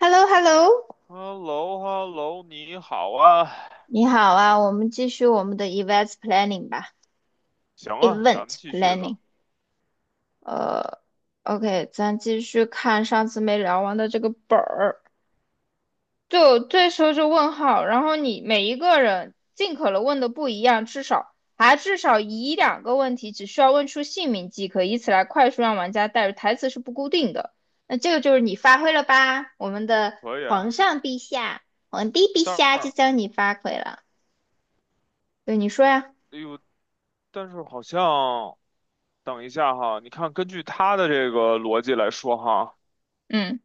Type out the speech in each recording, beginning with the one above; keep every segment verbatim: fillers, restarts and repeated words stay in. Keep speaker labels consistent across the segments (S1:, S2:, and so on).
S1: h e l l o h e l l o
S2: h e l l o h e l l o 你好啊，
S1: 你好啊，我们继续我们的 e v e n t planning 吧
S2: 行啊，咱们
S1: ，event
S2: 继续吧，
S1: planning。呃，OK，咱继续看上次没聊完的这个本儿。就这时候就问号，然后你每一个人尽可能问的不一样，至少还至少一两个问题，只需要问出姓名即可，以此来快速让玩家带入。台词是不固定的，那这个就是你发挥了吧，我们的
S2: 可以
S1: 皇
S2: 啊。
S1: 上陛下、皇帝陛
S2: 但
S1: 下，就
S2: 是，
S1: 叫你发挥了。对，你说呀，
S2: 哎呦，但是好像，等一下哈，你看，根据他的这个逻辑来说哈，
S1: 嗯。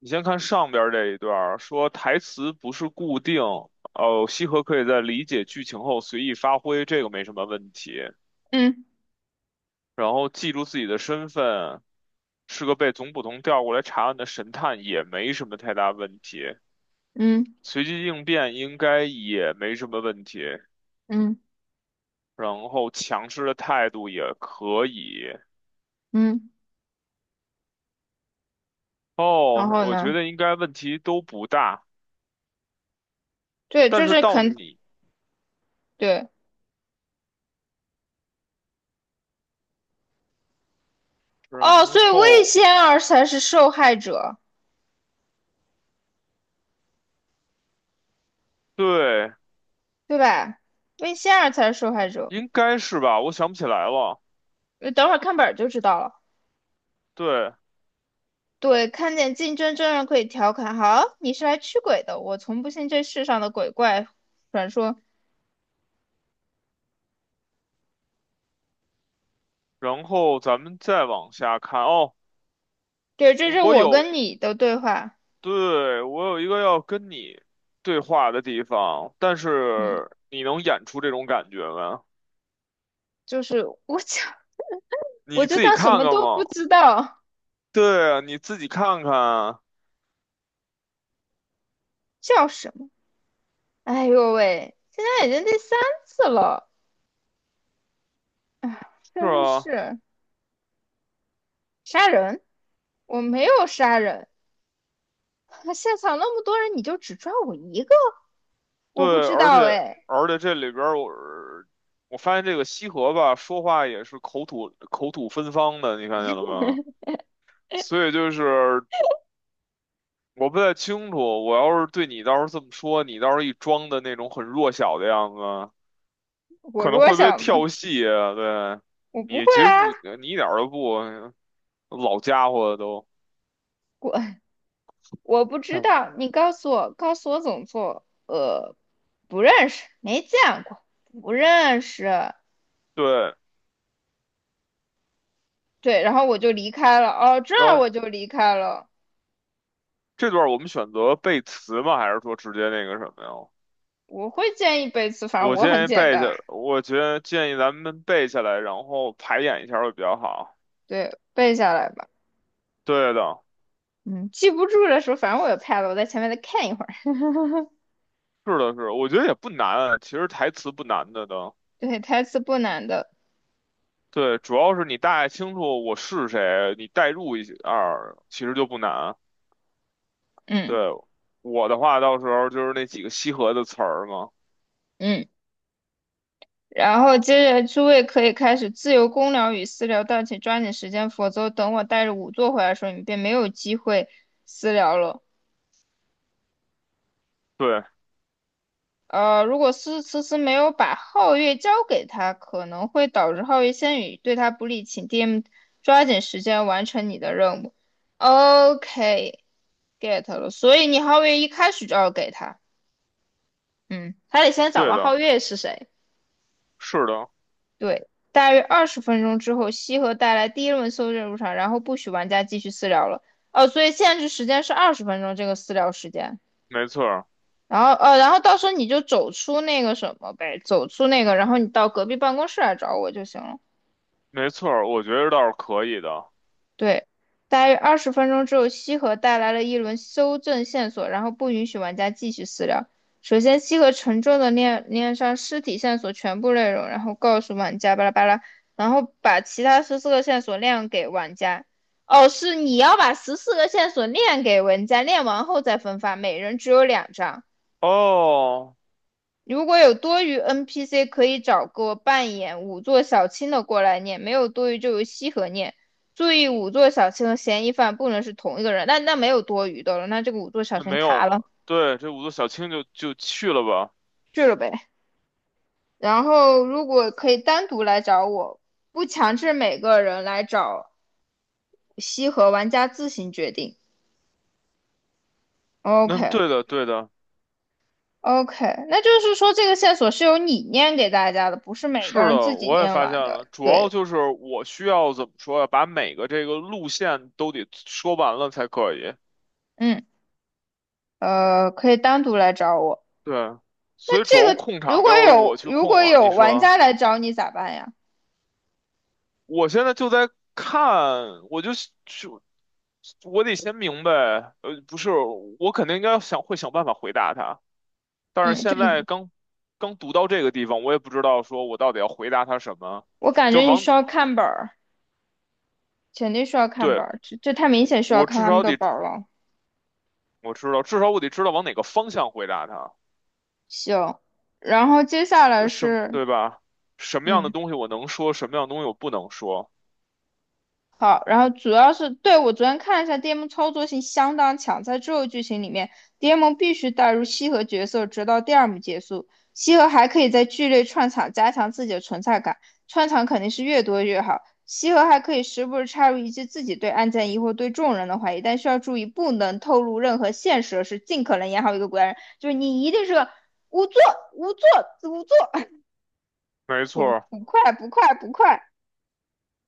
S2: 你先看上边儿这一段儿，说台词不是固定，哦，西河可以在理解剧情后随意发挥，这个没什么问题。
S1: 嗯
S2: 然后记住自己的身份，是个被总捕头调过来查案的神探，也没什么太大问题。
S1: 嗯
S2: 随机应变应该也没什么问题，
S1: 嗯
S2: 然后强势的态度也可以。
S1: 嗯，然
S2: 哦，
S1: 后
S2: 我觉
S1: 呢？
S2: 得应该问题都不大，
S1: 对，
S2: 但
S1: 就
S2: 是
S1: 是
S2: 到
S1: 肯
S2: 你，
S1: 对
S2: 然
S1: 哦，所以魏
S2: 后
S1: 仙儿才是受害者，
S2: 对，
S1: 对吧？魏仙儿才是受害者。
S2: 应该是吧？我想不起来了。
S1: 呃等会儿看本儿就知道了。
S2: 对，
S1: 对，看见竞争真人可以调侃，好，你是来驱鬼的，我从不信这世上的鬼怪传说。
S2: 然后咱们再往下看。哦，
S1: 对，这是
S2: 我
S1: 我
S2: 有，
S1: 跟你的对话。
S2: 对，我有一个要跟你对话的地方，但
S1: 嗯，
S2: 是你能演出这种感觉吗？
S1: 就是我就 我
S2: 你
S1: 就
S2: 自己
S1: 当什
S2: 看
S1: 么
S2: 看
S1: 都不
S2: 嘛。
S1: 知道，
S2: 对啊，你自己看看啊。
S1: 叫什么？哎呦喂，现在已经第三次了。哎，
S2: 是
S1: 真
S2: 啊，
S1: 是杀人！我没有杀人，现场那么多人，你就只抓我一个？
S2: 对，
S1: 我不知
S2: 而
S1: 道
S2: 且
S1: 哎，
S2: 而且这里边儿我我发现这个西河吧，说话也是口吐口吐芬芳的，你看见了吗？所以就是我不太清楚，我要是对你到时候这么说，你到时候一装的那种很弱小的样子，
S1: 我
S2: 可能
S1: 弱
S2: 会被
S1: 小吗？
S2: 跳戏啊。对，
S1: 我不
S2: 你
S1: 会
S2: 其实不，
S1: 啊，
S2: 你一点儿都不老家伙都。
S1: 我我不知
S2: 嗯
S1: 道，你告诉我，告诉我怎么做？呃，不认识，没见过，不认识。
S2: 对，
S1: 对，然后我就离开了。哦，这
S2: 然
S1: 儿
S2: 后
S1: 我就离开了。
S2: 这段我们选择背词吗？还是说直接那个什么呀？
S1: 我会建议背词，反正
S2: 我
S1: 我很
S2: 建议
S1: 简
S2: 背下，
S1: 单，
S2: 我觉得建议咱们背下来，然后排演一下会比较好。
S1: 对，背下来吧。
S2: 对的，
S1: 嗯，记不住的时候，反正我有 pad，我在前面再看一会儿。
S2: 是的是，我觉得也不难，其实台词不难的都。
S1: 对，台词不难的。
S2: 对，主要是你大概清楚我是谁，你代入一下儿其实就不难。对，
S1: 嗯
S2: 我的话到时候就是那几个西河的词儿嘛。
S1: 嗯，然后接着诸位可以开始自由公聊与私聊，但请抓紧时间，否则等我带着仵作回来的时候，你便没有机会私聊了。
S2: 对，
S1: 呃，如果思思思没有把皓月交给他，可能会导致皓月仙语对他不利，请 D M 抓紧时间完成你的任务。OK，get 了，所以你皓月一开始就要给他，嗯，他得先找
S2: 对
S1: 到
S2: 的，
S1: 皓月是谁。
S2: 是的，
S1: 对，大约二十分钟之后，西河带来第一轮搜证入场，然后不许玩家继续私聊了。哦，所以限制时间是二十分钟这个私聊时间。
S2: 没错儿，
S1: 然后，呃，然后到时候你就走出那个什么呗，走出那个，然后你到隔壁办公室来找我就行了。
S2: 没错儿，我觉得倒是可以的。
S1: 对，大约二十分钟之后，西河带来了一轮修正线索，然后不允许玩家继续私聊。首先，西河沉重的念念上尸体线索全部内容，然后告诉玩家巴拉巴拉，然后把其他十四个线索亮给玩家。哦，是你要把十四个线索亮给玩家，亮完后再分发，每人只有两张。
S2: 哦，
S1: 如果有多余 N P C，可以找个扮演五座小青的过来念；没有多余就由西河念。注意，五座小青和嫌疑犯不能是同一个人。那那没有多余的了，那这个五座小
S2: 那
S1: 青
S2: 没有
S1: 卡
S2: 吧？
S1: 了，
S2: 对，这五座小青就就去了吧。
S1: 去了呗。然后如果可以单独来找我，不强制每个人来找西河，玩家自行决定。
S2: 那
S1: OK
S2: 对的，对的。
S1: OK，那就是说这个线索是由你念给大家的，不是每个
S2: 是
S1: 人
S2: 的，
S1: 自己
S2: 我也
S1: 念
S2: 发现
S1: 完
S2: 了，
S1: 的。
S2: 主要
S1: 对，
S2: 就是我需要怎么说呀，把每个这个路线都得说完了才可以。
S1: 嗯，呃，可以单独来找我。
S2: 对，所以主
S1: 这
S2: 要
S1: 个
S2: 控
S1: 如
S2: 场
S1: 果
S2: 都要是我
S1: 有
S2: 去
S1: 如
S2: 控
S1: 果
S2: 了。你
S1: 有玩家
S2: 说，
S1: 来找你咋办呀？
S2: 我现在就在看，我就就我得先明白，呃，不是，我肯定应该想会想办法回答他，但是
S1: 嗯，就
S2: 现在
S1: 你
S2: 刚刚读到这个地方，我也不知道说我到底要回答他什么，
S1: 我感觉
S2: 就是
S1: 你
S2: 往，
S1: 需要看本儿，肯定需要看
S2: 对，
S1: 本儿，这这太明显需要
S2: 我
S1: 看
S2: 至
S1: 他们
S2: 少
S1: 的
S2: 得，
S1: 本儿了。
S2: 我知道，至少我得知道往哪个方向回答他。
S1: 行，然后接下来
S2: 什
S1: 是
S2: 对吧？什么样的
S1: 嗯，
S2: 东西我能说，什么样的东西我不能说？
S1: 好，然后主要是，对，我昨天看了一下，D M 操作性相当强，在之后剧情里面，D M 必须带入西河角色，直到第二幕结束。西河还可以在剧内串场，加强自己的存在感，串场肯定是越多越好。西河还可以时不时插入一句自己对案件疑惑、对众人的怀疑，但需要注意，不能透露任何线索，是尽可能演好一个古代人，就是你一定是个无作，无作，无作，
S2: 没 错
S1: 不
S2: 儿，
S1: 不快，不快，不快。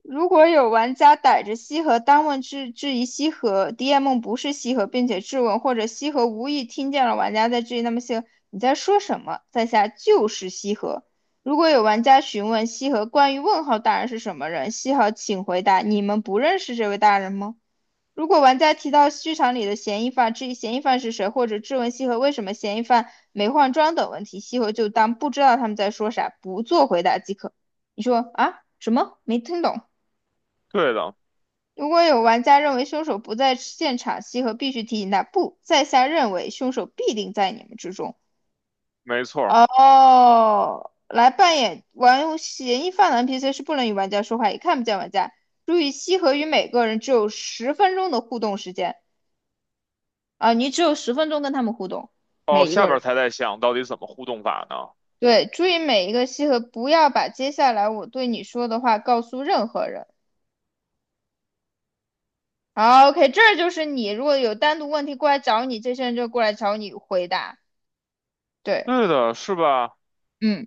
S1: 如果有玩家逮着西河单问质质疑西河 D M 不是西河，并且质问，或者西河无意听见了玩家在质疑，那么西河你在说什么？在下就是西河。如果有玩家询问西河关于问号大人是什么人，西河请回答：你们不认识这位大人吗？如果玩家提到剧场里的嫌疑犯，质疑嫌疑犯是谁，或者质问西河为什么嫌疑犯没换装等问题，西河就当不知道他们在说啥，不做回答即可。你说啊？什么？没听懂。
S2: 对的，
S1: 如果有玩家认为凶手不在现场，西河必须提醒他不，在下认为凶手必定在你们之中。
S2: 没错儿。
S1: 哦，来扮演玩嫌疑犯的 N P C 是不能与玩家说话，也看不见玩家。注意，西河与每个人只有十分钟的互动时间啊，你只有十分钟跟他们互动，
S2: 哦，
S1: 每一
S2: 下
S1: 个
S2: 边
S1: 人。
S2: 儿才在想到底怎么互动法呢？
S1: 对，注意每一个西河，不要把接下来我对你说的话告诉任何人。好，OK，这就是你。如果有单独问题过来找你，这些人就过来找你回答。对，
S2: 对的，是吧？
S1: 嗯，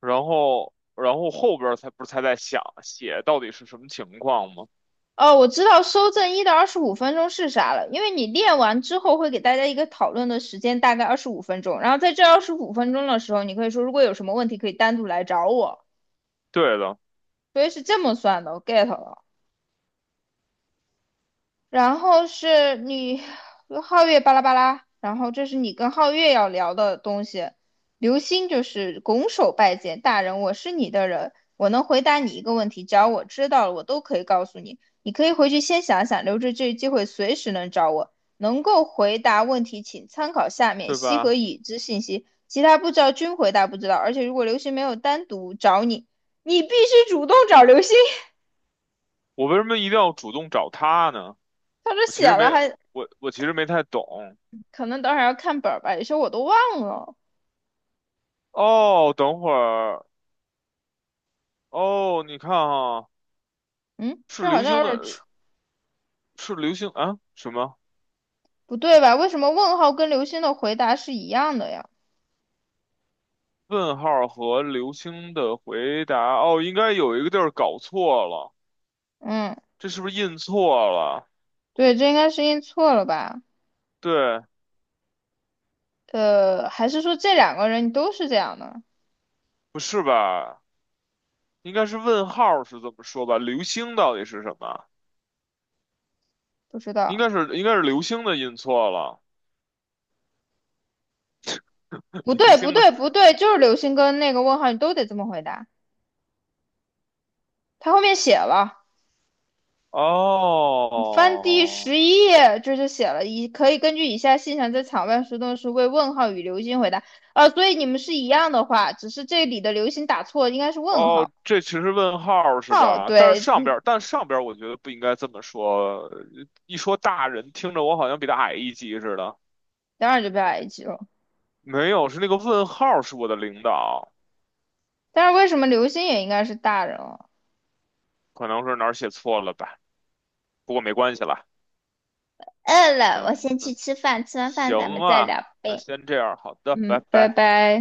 S2: 然后，然后后边儿才不是才在想写到底是什么情况吗？
S1: 哦，我知道收正一到二十五分钟是啥了，因为你练完之后会给大家一个讨论的时间，大概二十五分钟。然后在这二十五分钟的时候，你可以说如果有什么问题可以单独来找我，
S2: 对的，
S1: 所以是这么算的，我 get 了。然后是你和皓月巴拉巴拉，然后这是你跟皓月要聊的东西。流星就是拱手拜见大人，我是你的人，我能回答你一个问题，只要我知道了，我都可以告诉你。你可以回去先想想，留着这个机会，随时能找我。能够回答问题，请参考下面
S2: 对
S1: 西和
S2: 吧？
S1: 已知信息，其他不知道均回答不知道。而且如果流星没有单独找你，你必须主动找流星。
S2: 我为什么一定要主动找他呢？
S1: 他这
S2: 我其
S1: 写
S2: 实没，
S1: 了还
S2: 我我其实没太懂。
S1: 可能等会儿要看本儿吧，有些我都忘了。
S2: 哦，等会儿，哦，你看啊，
S1: 嗯，
S2: 是
S1: 这好
S2: 流
S1: 像
S2: 星
S1: 有点
S2: 的，
S1: 出
S2: 是流星啊？什么？
S1: 不对吧？为什么问号跟刘星的回答是一样的呀？
S2: 问号和流星的回答，哦，应该有一个地儿搞错了，
S1: 嗯，
S2: 这是不是印错了？
S1: 对，这应该是印错了吧？
S2: 对，
S1: 呃，还是说这两个人都是这样的？
S2: 不是吧？应该是问号是这么说吧？流星到底是什么？
S1: 不知
S2: 应
S1: 道。
S2: 该是应该是流星的印错了，
S1: 不
S2: 流
S1: 对，不
S2: 星的
S1: 对，不对，就是刘星跟那个问号，你都得这么回答。他后面写了，你翻第
S2: 哦
S1: 十一页，这就写了，以可以根据以下现象在场外活动时为问号与刘星回答。呃，所以你们是一样的话，只是这里的刘星打错，应该是问号。
S2: 哦，这其实问号是
S1: 好，
S2: 吧？但是
S1: 对，
S2: 上边
S1: 嗯，
S2: 儿，但上边儿我觉得不应该这么说，一说大人听着我好像比他矮一级似的。
S1: 当然就不要挨激了。
S2: 没有，是那个问号是我的领导。
S1: 但是为什么刘星也应该是大人哦？
S2: 可能是哪儿写错了吧，不过没关系啦。
S1: 饿了，我先去
S2: 嗯
S1: 吃饭，吃完
S2: 行
S1: 饭咱们再
S2: 啊，
S1: 聊
S2: 那
S1: 呗。
S2: 先这样，好的，拜
S1: 嗯，拜
S2: 拜。
S1: 拜。